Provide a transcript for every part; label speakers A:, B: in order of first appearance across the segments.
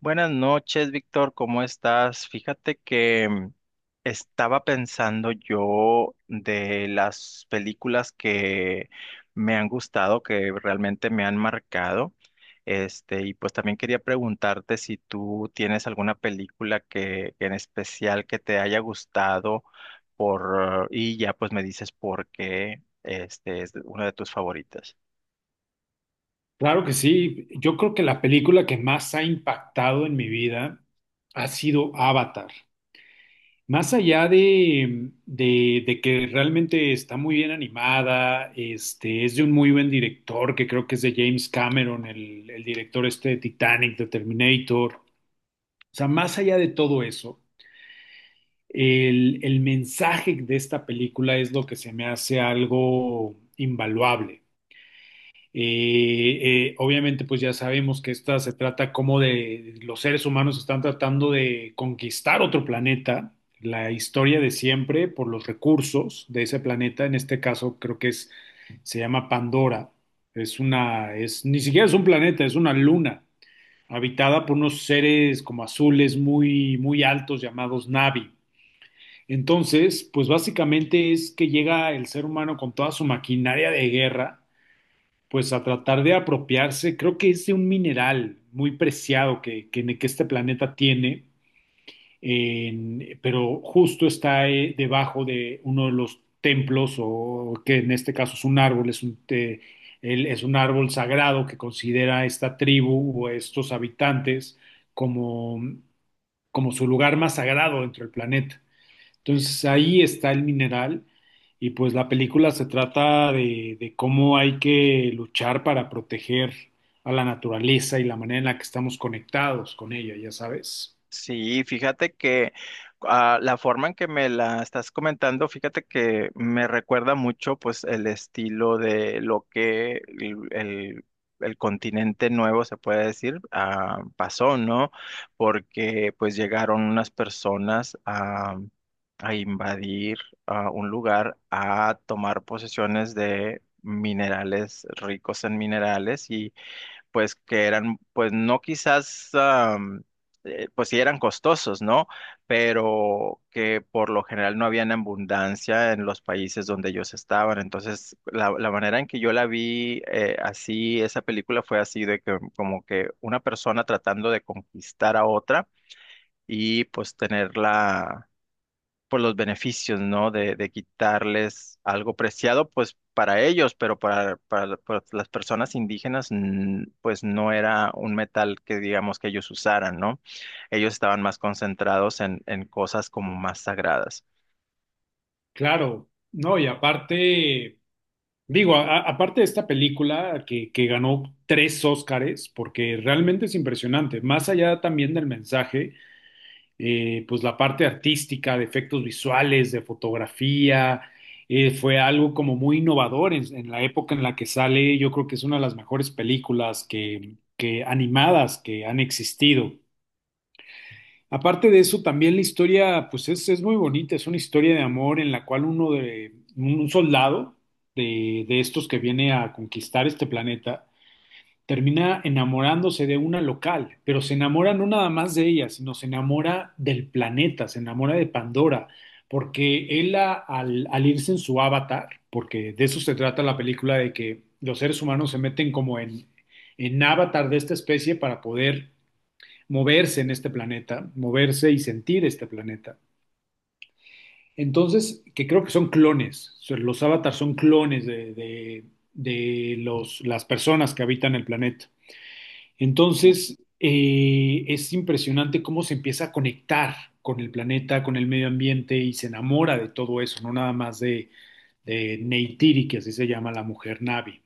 A: Buenas noches, Víctor, ¿cómo estás? Fíjate que estaba pensando yo de las películas que me han gustado, que realmente me han marcado. Este, y pues también quería preguntarte si tú tienes alguna película que en especial que te haya gustado y ya pues me dices por qué este es una de tus favoritas.
B: Claro que sí. Yo creo que la película que más ha impactado en mi vida ha sido Avatar. Más allá de que realmente está muy bien animada, es de un muy buen director, que creo que es de James Cameron, el director este de Titanic, de Terminator. O sea, más allá de todo eso, el mensaje de esta película es lo que se me hace algo invaluable. Obviamente, pues ya sabemos que esta se trata como de los seres humanos están tratando de conquistar otro planeta, la historia de siempre por los recursos de ese planeta. En este caso, se llama Pandora. Ni siquiera es un planeta, es una luna habitada por unos seres como azules muy, muy altos llamados Navi. Entonces, pues básicamente es que llega el ser humano con toda su maquinaria de guerra pues a tratar de apropiarse, creo que es de un mineral muy preciado que este planeta tiene, pero justo está debajo de uno de los templos, o que en este caso es un árbol, es un árbol sagrado que considera esta tribu o estos habitantes como, como su lugar más sagrado dentro del planeta. Entonces ahí está el mineral y pues la película se trata de cómo hay que luchar para proteger a la naturaleza y la manera en la que estamos conectados con ella, ya sabes.
A: Sí, fíjate que la forma en que me la estás comentando, fíjate que me recuerda mucho pues el estilo de lo que el continente nuevo se puede decir pasó, ¿no? Porque pues llegaron unas personas a invadir un lugar, a tomar posesiones de minerales, ricos en minerales y pues que eran, pues no quizás, pues sí eran costosos, ¿no? Pero que por lo general no habían abundancia en los países donde ellos estaban. Entonces, la manera en que yo la vi así, esa película fue así de que como que una persona tratando de conquistar a otra y pues tenerla por los beneficios, ¿no? De quitarles algo preciado, pues para ellos, pero para las personas indígenas, pues no era un metal que digamos que ellos usaran, ¿no? Ellos estaban más concentrados en cosas como más sagradas.
B: Claro, no, y aparte, digo, aparte de esta película que ganó tres Óscares, porque realmente es impresionante, más allá también del mensaje. Pues la parte artística, de efectos visuales, de fotografía, fue algo como muy innovador en la época en la que sale. Yo creo que es una de las mejores películas que animadas que han existido. Aparte de eso, también la historia, es muy bonita, es una historia de amor en la cual uno de un soldado de estos que viene a conquistar este planeta, termina enamorándose de una local, pero se enamora no nada más de ella, sino se enamora del planeta, se enamora de Pandora, porque al irse en su avatar, porque de eso se trata la película, de que los seres humanos se meten en avatar de esta especie para poder moverse en este planeta, moverse y sentir este planeta. Entonces, que creo que son clones, o sea, los avatars son clones de los, las personas que habitan el planeta. Entonces, es impresionante cómo se empieza a conectar con el planeta, con el medio ambiente y se enamora de todo eso, no nada más de Neytiri, que así se llama la mujer Navi.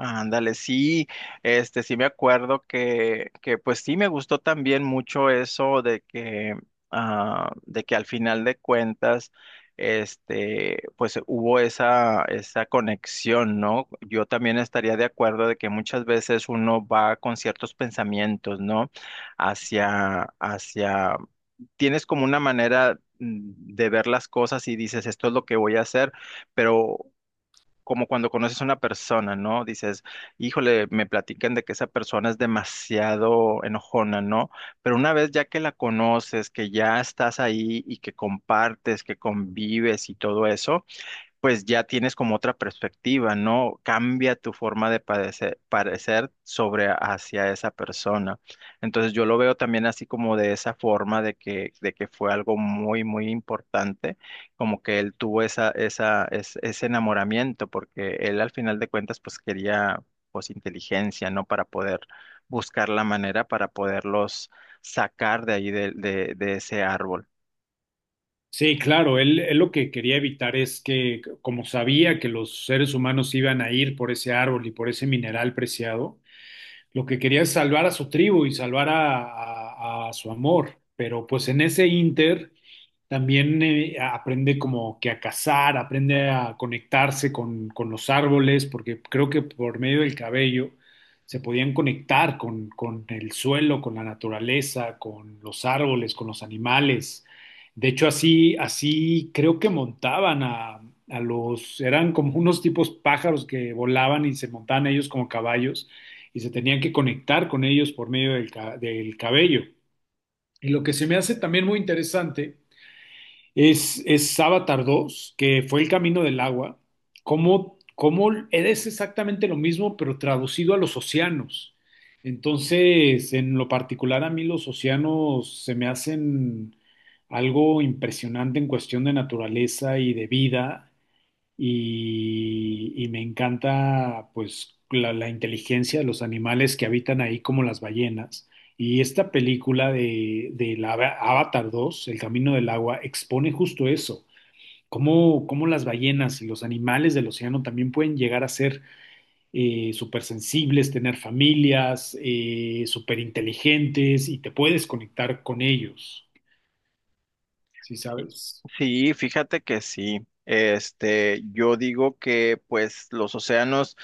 A: Ándale, sí, este sí me acuerdo que pues sí me gustó también mucho eso de que de que al final de cuentas este pues hubo esa conexión, ¿no? Yo también estaría de acuerdo de que muchas veces uno va con ciertos pensamientos, ¿no? Hacia tienes como una manera de ver las cosas y dices, esto es lo que voy a hacer, pero como cuando conoces a una persona, ¿no? Dices, híjole, me platican de que esa persona es demasiado enojona, ¿no? Pero una vez ya que la conoces, que ya estás ahí y que compartes, que convives y todo eso, pues ya tienes como otra perspectiva, ¿no? Cambia tu forma de parecer, parecer sobre hacia esa persona. Entonces yo lo veo también así como de esa forma de que fue algo muy, muy importante, como que él tuvo ese enamoramiento, porque él al final de cuentas pues quería pues inteligencia, ¿no? Para poder buscar la manera para poderlos sacar de ahí de ese árbol.
B: Sí, claro, él lo que quería evitar es que, como sabía que los seres humanos iban a ir por ese árbol y por ese mineral preciado, lo que quería es salvar a su tribu y salvar a, a su amor. Pero pues en ese inter también aprende como que a cazar, aprende a conectarse con los árboles, porque creo que por medio del cabello se podían conectar con el suelo, con la naturaleza, con los árboles, con los animales. De hecho, así creo que montaban a los, eran como unos tipos pájaros que volaban y se montaban ellos como caballos y se tenían que conectar con ellos por medio del cabello. Y lo que se me hace también muy interesante es Avatar dos, que fue El Camino del Agua, cómo, cómo es exactamente lo mismo, pero traducido a los océanos. Entonces, en lo particular, a mí los océanos se me hacen algo impresionante en cuestión de naturaleza y de vida y me encanta pues la inteligencia de los animales que habitan ahí como las ballenas. Y esta película Avatar dos, El Camino del Agua, expone justo eso, cómo, cómo las ballenas y los animales del océano también pueden llegar a ser súper sensibles, tener familias, súper inteligentes y te puedes conectar con ellos, ¿sí
A: Sí,
B: sabes?
A: sí, fíjate que sí. Este, yo digo que pues los océanos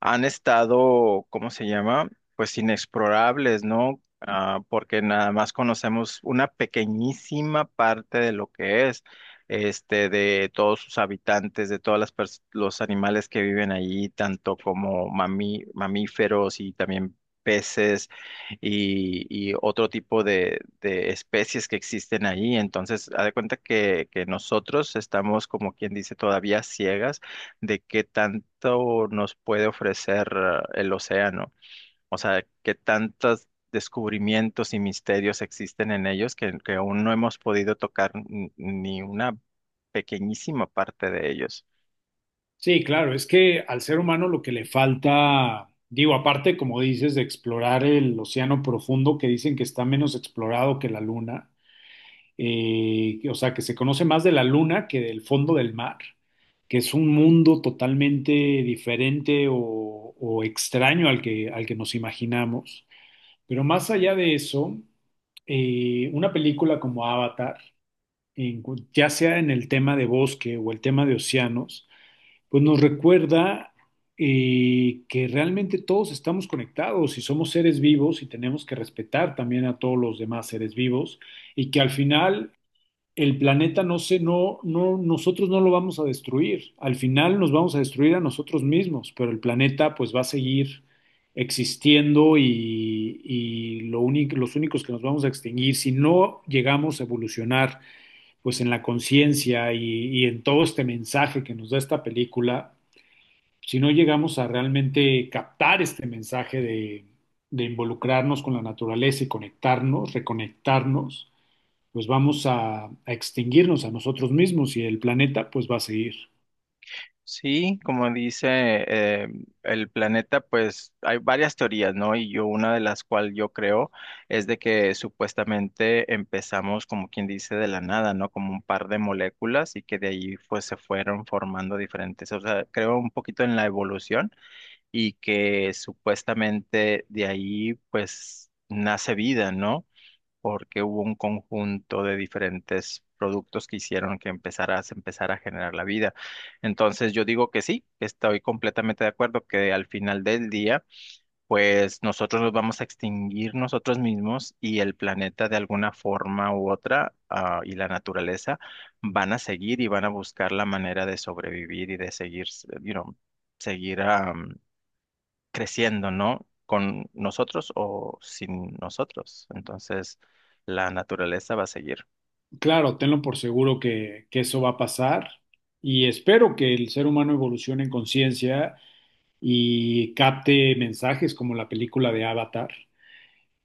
A: han estado, ¿cómo se llama? Pues inexplorables, ¿no? Ah, porque nada más conocemos una pequeñísima parte de lo que es, este, de todos sus habitantes, de todas las los animales que viven allí, tanto como mamíferos y también peces y otro tipo de especies que existen ahí. Entonces, haz de cuenta que nosotros estamos, como quien dice, todavía ciegas de qué tanto nos puede ofrecer el océano. O sea, qué tantos descubrimientos y misterios existen en ellos que aún no hemos podido tocar n- ni una pequeñísima parte de ellos.
B: Sí, claro, es que al ser humano lo que le falta, digo, aparte, como dices, de explorar el océano profundo, que dicen que está menos explorado que la luna, o sea, que se conoce más de la luna que del fondo del mar, que es un mundo totalmente diferente o extraño al que nos imaginamos. Pero más allá de eso, una película como Avatar, ya sea en el tema de bosque o el tema de océanos, pues nos recuerda que realmente todos estamos conectados y somos seres vivos y tenemos que respetar también a todos los demás seres vivos y que al final el planeta no, nosotros no lo vamos a destruir. Al final nos vamos a destruir a nosotros mismos, pero el planeta pues va a seguir existiendo y lo único, los únicos que nos vamos a extinguir si no llegamos a evolucionar pues en la conciencia y en todo este mensaje que nos da esta película, si no llegamos a realmente captar este mensaje de involucrarnos con la naturaleza y conectarnos, reconectarnos, pues vamos a extinguirnos a nosotros mismos y el planeta pues va a seguir.
A: Sí, como dice eh, el planeta, pues hay varias teorías, ¿no? Y yo una de las cual yo creo es de que supuestamente empezamos como quien dice de la nada, ¿no? Como un par de moléculas y que de ahí pues se fueron formando diferentes, o sea, creo un poquito en la evolución y que supuestamente de ahí pues nace vida, ¿no? Porque hubo un conjunto de diferentes productos que hicieron que empezara, se empezara a generar la vida. Entonces yo digo que sí, estoy completamente de acuerdo que al final del día, pues nosotros nos vamos a extinguir nosotros mismos y el planeta de alguna forma u otra, ah, y la naturaleza van a seguir y van a buscar la manera de sobrevivir y de seguir, you know, seguir, creciendo, ¿no? Con nosotros o sin nosotros. Entonces, la naturaleza va a seguir.
B: Claro, tenlo por seguro que eso va a pasar y espero que el ser humano evolucione en conciencia y capte mensajes como la película de Avatar,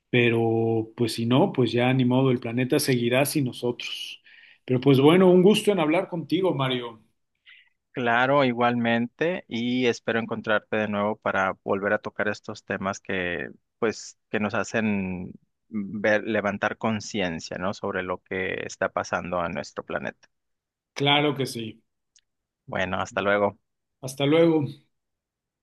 B: pero pues si no, pues ya ni modo, el planeta seguirá sin nosotros. Pero pues bueno, un gusto en hablar contigo, Mario.
A: Claro, igualmente, y espero encontrarte de nuevo para volver a tocar estos temas que, pues, que nos hacen ver, levantar conciencia, ¿no? Sobre lo que está pasando a nuestro planeta.
B: Claro que sí.
A: Bueno, hasta luego.
B: Hasta luego.